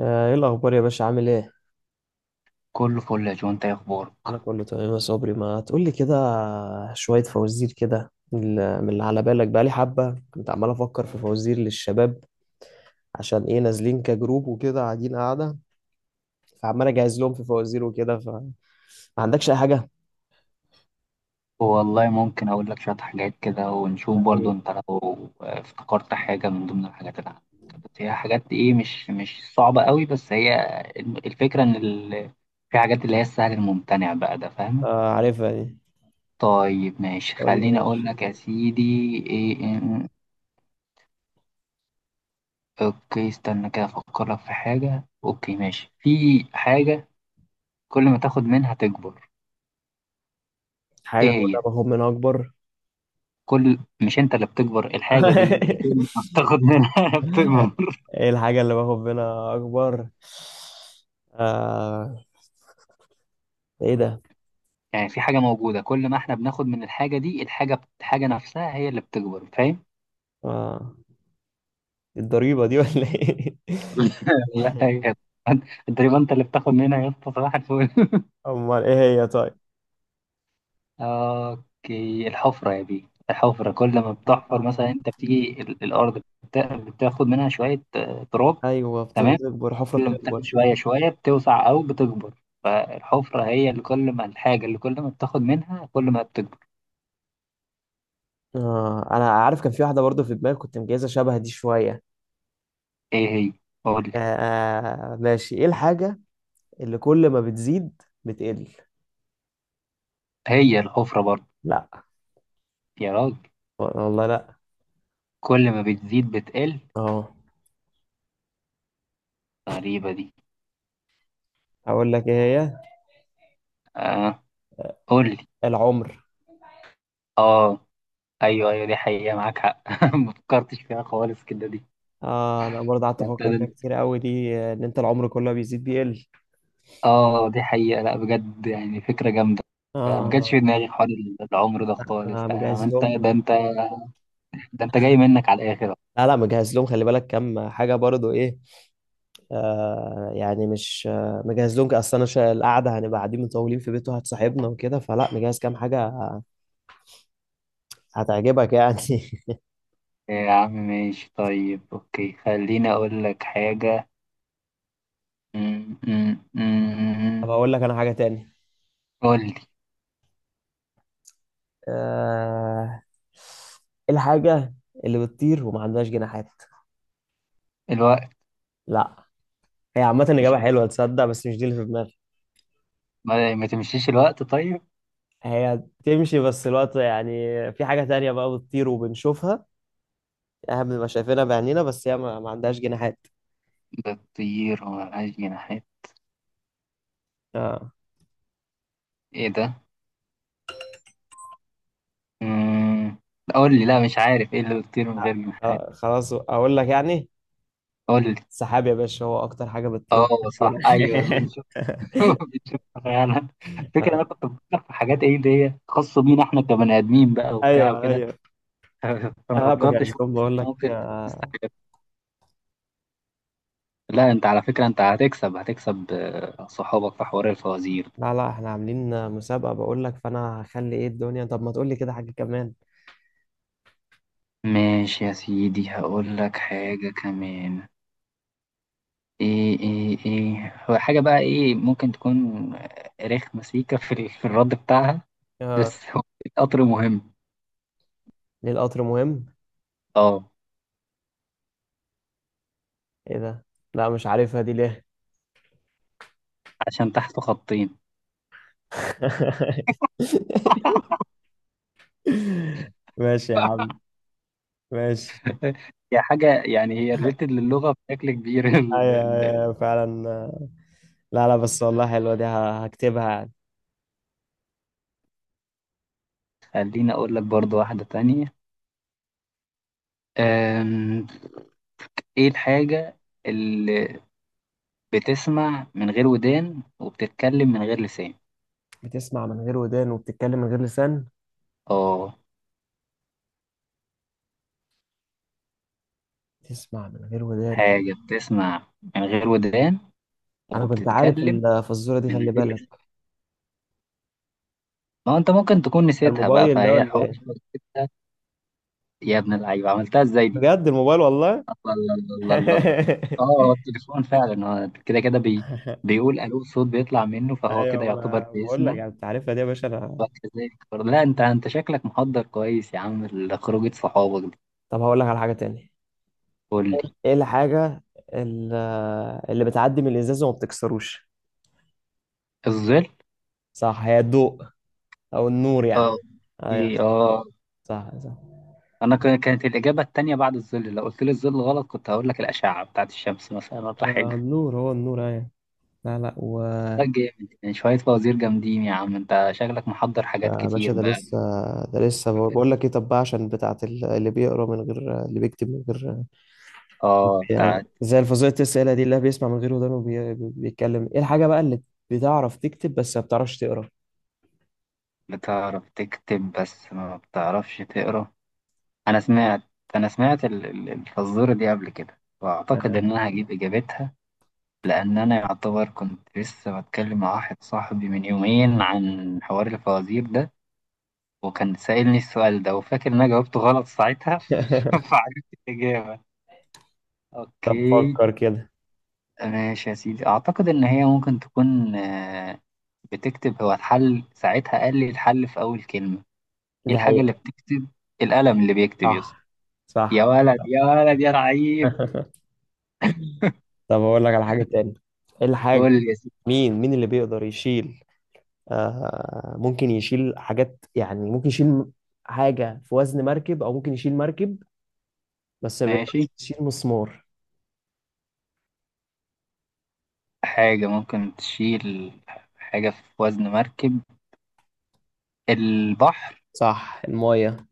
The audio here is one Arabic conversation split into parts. آه، ايه الاخبار يا باشا عامل ايه؟ كله فل يا جو، انت ايه اخبارك؟ انا كله تمام يا صبري ما تقولي كده. شويه فوازير كده من اللي على بالك بقالي حبه، كنت عمال افكر في فوازير للشباب عشان ايه نازلين كجروب وكده قاعدين قاعده. فعمال اجهز لهم في فوازير وكده، فما عندكش اي حاجه؟ والله ممكن اقول لك شويه حاجات كده ونشوف، برضو يعني انت لو افتكرت حاجه من ضمن الحاجات اللي عندك. بس هي حاجات ايه، مش صعبه قوي، بس هي الفكره ان في حاجات اللي هي السهل الممتنع بقى، ده فاهم؟ آه عارفها دي. طيب ماشي، قول لي يا خليني باشا. اقول لك يا سيدي. ايه إيه- اوكي، استنى كده افكر لك في حاجه. اوكي ماشي، في حاجه كل ما تاخد منها تكبر. ايه حاجه كده هي؟ باخد منها اكبر. كل... مش انت اللي بتكبر الحاجه دي، اللي كل ما بتاخد منها بتكبر. ايه الحاجه اللي باخد منها اكبر؟ آه، ايه ده؟ يعني في حاجه موجوده، كل ما احنا بناخد من الحاجه دي، الحاجه الحاجه نفسها هي اللي بتكبر، فاهم؟ آه، الضريبه دي ولا ايه؟ لا يا اسطى. تقريبا انت اللي بتاخد منها يا اسطى، صباح الفل. امال ايه؟ هي طيب. اوكي، الحفره يا بيه. الحفره كل ما بتحفر، مثلا آه. انت بتيجي الارض بتاخد منها شويه تراب. ايوه، تمام. بتكبر، حفرة كل ما بتاخد بتكبر. شويه شويه بتوسع او بتكبر، فالحفره هي اللي كل ما الحاجه اللي كل ما بتاخد منها كل ما بتكبر. آه. انا عارف كان في واحدة برضو في دماغي كنت مجهزة شبه دي شوية. ايه هي؟ قول لي. آه. آه، ماشي، ايه الحاجة اللي كل ما بتزيد بتقل؟ هي الحفرة برضه. لا. يا راجل، والله لا. كل ما بتزيد بتقل؟ اه. غريبة دي. اقول لك ايه؟ هي آه، قول لي. العمر. اه ايوه ايوه، دي حقيقة، معاك حق، ما فكرتش فيها خالص كده دي. آه. انا برضه قعدت افكر فيها ابتدى- كتير قوي دي، ان انت العمر كله بيزيد بيقل. اه دي حقيقة، لا بجد يعني فكرة جامدة. ما جاتش اه. في دماغي حوار العمر ده خالص، انا ده يا عم مجهز انت، ده لهم. انت، ده انت جاي منك على الاخر. لا لا، مجهز لهم، خلي بالك كام حاجة برضو ايه. آه يعني مش مجهز لهم، اصل انا القعده هنبقى قاعدين مطولين في بيته هتصاحبنا وكده، فلا مجهز كام حاجه هتعجبك يعني. يا عم ماشي، طيب اوكي خليني اقول لك حاجة. م- م- م- طب م- اقول لك انا حاجه تاني. قول لي. آه، الحاجه اللي بتطير وما عندهاش جناحات. الوقت. لا. هي عامه مش اجابه حلوه تصدق، بس مش دي اللي في دماغي. ما تمشيش الوقت طيب. هي تمشي بس الوقت يعني. في حاجه تانية بقى بتطير وبنشوفها، احنا بنبقى شايفينها بعينينا، بس هي ما عندهاش جناحات. ده الطير هو ملهاش جناحات. آه. ايه ده؟ مم. قول لي. لا مش عارف ايه اللي بيطير من غير جناحات. خلاص اقول لك يعني، قول لي. سحاب يا باشا، هو اكتر حاجه بتطير اه صح، فينا. ايوه بنشوف. بنشوف فعلا. فكرة، انا كنت بفكر في حاجات ايه اللي هي خاصة بينا احنا كبني ادمين بقى وبتاع ايوه، وكده. ايوه. فما انا فكرتش بجهز خالص لهم ان بقول لك ممكن آه، تستحق. لا انت على فكرة، انت هتكسب، هتكسب صحابك في حوار الفوازير. لا لا، احنا عاملين مسابقه بقول لك، فانا هخلي ايه الدنيا، طب ما تقول لي كده حاجه كمان. ماشي يا سيدي، هقول لك حاجة كمان. ايه هو حاجة بقى ايه ممكن تكون؟ رخمة سيكة في الرد بتاعها. اه. بس هو القطر مهم. ليه القطر مهم؟ اه، ايه ده؟ لا مش عارفها دي ليه. عشان تحته خطين. ماشي يا عم. ماشي. هي حاجة يعني، هي ريليتد للغة بشكل كبير. ايوه ايوه فعلا. لا لا، بس والله حلوه دي، هكتبها يعني. خليني اقول لك برضو واحدة تانية. أم، ايه الحاجة اللي بتسمع من غير ودان وبتتكلم من غير لسان؟ بتسمع من غير ودان وبتتكلم من غير لسان. اه، بتسمع من غير ودان. حاجة بتسمع من غير ودان انا كنت عارف وبتتكلم الفزوره دي، من خلي بالك. غير. ما هو انت ممكن تكون ده نسيتها بقى، الموبايل ده فهي ولا حوار ايه؟ إنك نسيتها. يا ابن اللعيبه، عملتها ازاي دي؟ بجد الموبايل والله. الله الله الله الله الله. اه هو التليفون فعلا، هو كده كده بيقول الو، الصوت بيطلع منه، فهو كده ايوه، ما انا يعتبر بقول لك بيسمع. يعني انت عارفها دي يا باشا انا. لا انت شكلك محضر كويس يا عم لخروجه صحابك دي. طب هقول لك على حاجه تاني. قول لي. ايه الحاجه ال- اللي بتعدي من الازاز وما بتكسروش؟ الظل. صح، هي الضوء او النور يعني. اه. ايوه. ايه اه. صح، صح، صح. انا كانت الاجابه التانيه بعد الظل، لو قلت لي الظل غلط كنت هقول لك الاشعه بتاعت الشمس مثلا ولا آه، حاجه. النور، هو النور، ايوه. لا لا و ده آه، جامد، يعني شويه فوازير جامدين، يا عم انت شكلك محضر حاجات يا باشا، كتير ده بقى. لسه. ده لسه بقول لك ايه، طب بقى عشان بتاعت اللي بيقرا من غير، اللي بيكتب من غير اه، يعني. بتاعت زي الفظيعة الأسئلة دي اللي بيسمع من غير ودان وبيتكلم، إيه الحاجة بقى اللي بتعرف تكتب بس ما بتعرفش تقرا؟ بتعرف تكتب بس ما بتعرفش تقرا. انا سمعت، انا سمعت الفزورة دي قبل كده، واعتقد ان انا هجيب اجابتها. لان انا يعتبر كنت لسه بتكلم مع واحد صاحبي من يومين عن حوار الفوازير ده، وكان سائلني السؤال ده، وفاكر ان انا جاوبته غلط ساعتها. فعرفت الاجابة. طب اوكي فكر كده. ماشي يا سيدي، اعتقد ان هي ممكن تكون بتكتب. هو الحل ساعتها قال لي الحل في اول كلمة. ايه دي الحاجة اللي حقيقة. بتكتب؟ القلم اللي بيكتب يا اسطى. صح. يا صح. ولد، يا ولد، يا رعيب. طب أقول لك على حاجة تاني. إيه الحاجة؟ قول يا سيدي. مين اللي بيقدر يشيل، آه، ممكن يشيل حاجات يعني، ممكن يشيل حاجة في وزن مركب، أو ممكن يشيل مركب، بس ما ماشي. بيقدرش يشيل مسمار؟ حاجة ممكن تشيل، حاجة في وزن مركب. البحر. صح، الماية.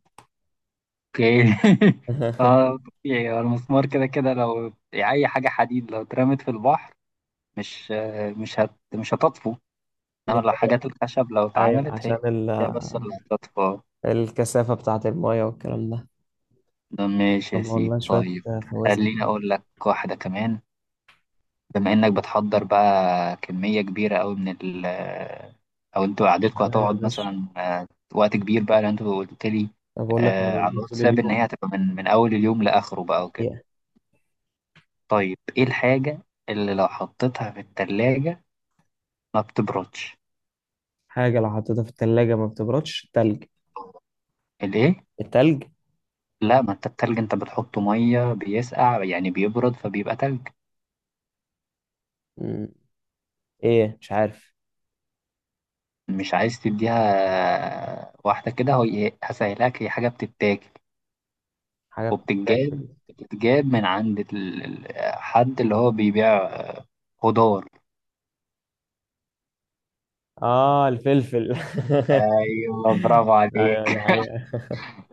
اوكي، اه طبيعي، هو المسمار كده كده لو اي حاجة حديد لو اترمت في البحر مش مش هتطفو. دي انما لو حاجات حقيقة. الخشب لو ايوه، اتعملت، هي، عشان هي بس اللي هتطفو. الكثافة بتاعة المايه والكلام ده. ماشي يا طب سيدي، والله شوية طيب خليني فوازير. اقول لك واحدة كمان. بما انك بتحضر بقى كمية كبيرة قوي من او انتوا مش قعدتكوا عليا يا هتقعد باشا. مثلا وقت كبير بقى، لان انتوا قلت لي طب أقول لك، أنا على بقول طول الواتساب ان اليوم. هي هتبقى من اول اليوم لاخره بقى وكده. إيه طيب ايه الحاجة اللي لو حطيتها في التلاجة ما بتبردش؟ حاجة لو حطيتها في التلاجة ما بتبردش؟ التلج. الايه؟ التلج. لا ما انت التلج انت بتحطه مية بيسقع يعني بيبرد فبيبقى تلج. مم. إيه مش عارف. مش عايز تديها واحدة كده. هو هسهلك، هي حاجة بتتاكل حاجة وبتتجاب. بتتاكل. بتتجاب من عند حد اللي هو بيبيع خضار. آه، الفلفل. ايوه برافو أيوه، عليك. دي حقيقة.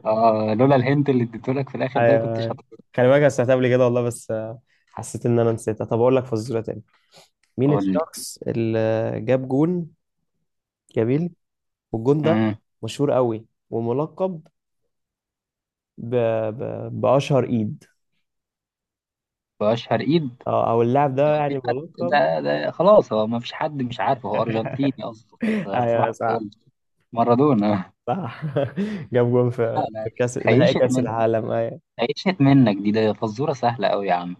اه لولا الهنت اللي اديتهولك في الاخر أيوه، ده ما كنتش أيوه. هتقول خلي بالك أنا سمعتها قبل كده والله، بس. حسيت إن أنا نسيتها. طب أقول لك فزورة تاني. مين لي. الشخص اللي جاب جون جميل، والجون ده امم مشهور قوي وملقب ب... بأشهر إيد، واشهر ايد. أو اللاعب ده في يعني حد بلقب. ده، ده خلاص هو ما فيش حد مش عارفه، هو ارجنتيني اصلا. اصبحت أيوه صح. أقول مارادونا. صح. جاب جون لا في لا، كأس نهائي خيشت كأس من العالم، أيوه؟ خيشت منك دي، ده فزوره سهله قوي يا عم.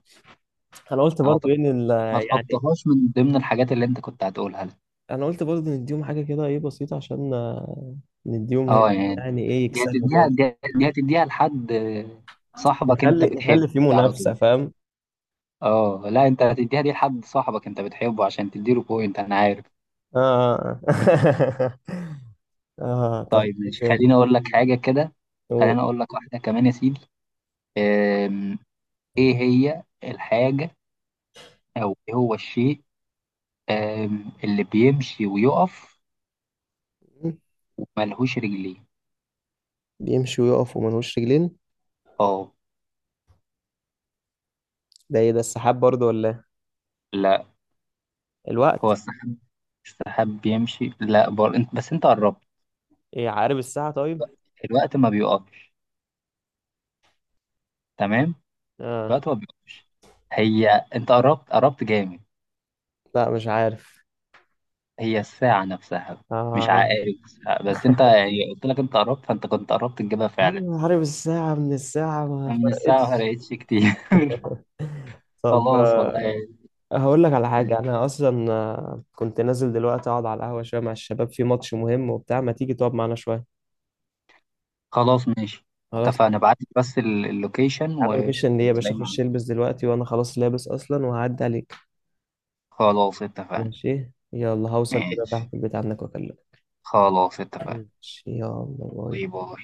أنا قلت انا برضو طب إن. ما يعني تحطهاش من ضمن الحاجات اللي انت كنت هتقولها لي. أنا قلت برضو نديهم حاجة كده إيه، بسيطة، عشان. نديهم هيك اه يعني يعني، إيه، يكسبوا برضه. دي هتديها لحد صاحبك انت نخلي بتحبه نخلي في على طول. منافسة، فاهم. اه لا، انت هتديها دي لحد صاحبك انت بتحبه عشان تديله بوينت، انا عارف. آه. آه. آه، طب طيب إيه ماشي، تاني؟ خليني اقول لك حاجة كده. هو خليني اقول لك واحدة كمان يا سيدي. أم، ايه هي الحاجة او ايه هو الشيء اللي بيمشي ويقف وملهوش رجلين؟ بيمشي ويقف وملهوش رجلين. اه. ده إيه ده؟ السحاب برضو ولا إيه؟ لا، هو الوقت. السحاب؟ السحاب بيمشي، لا انت بس، انت قربت. إيه، عقارب الساعة طيب. الوقت ما بيقفش. تمام. اه. الوقت ما بيقفش. هي، انت قربت، قربت جامد. لا مش عارف. هي الساعة نفسها، مش آه. عقارب الساعة بس. انت يعني قلت لك انت قربت، فانت كنت قربت تجيبها يا فعلا. عم عارف الساعة، من الساعة ما أنا من الساعة ما فرقتش. فرقتش كتير. طب خلاص والله. آه، هقول لك على حاجة. أنا أصلا، كنت نازل دلوقتي أقعد على القهوة شوية مع الشباب في ماتش مهم وبتاع، ما تيجي تقعد معانا شوية؟ خلاص ماشي، خلاص يا اتفقنا. ابعت لي بس اللوكيشن عم، مفيش إن إيه يا باشا، وهتلاقيه أخش معانا. ألبس دلوقتي، وأنا خلاص لابس أصلا وهعدي عليك. خلاص اتفقنا. ماشي يلا، هوصل كده ماشي، تحت البيت عندك وأكلمك. خلاص اتفقنا. ماشي يلا، باي. باي باي.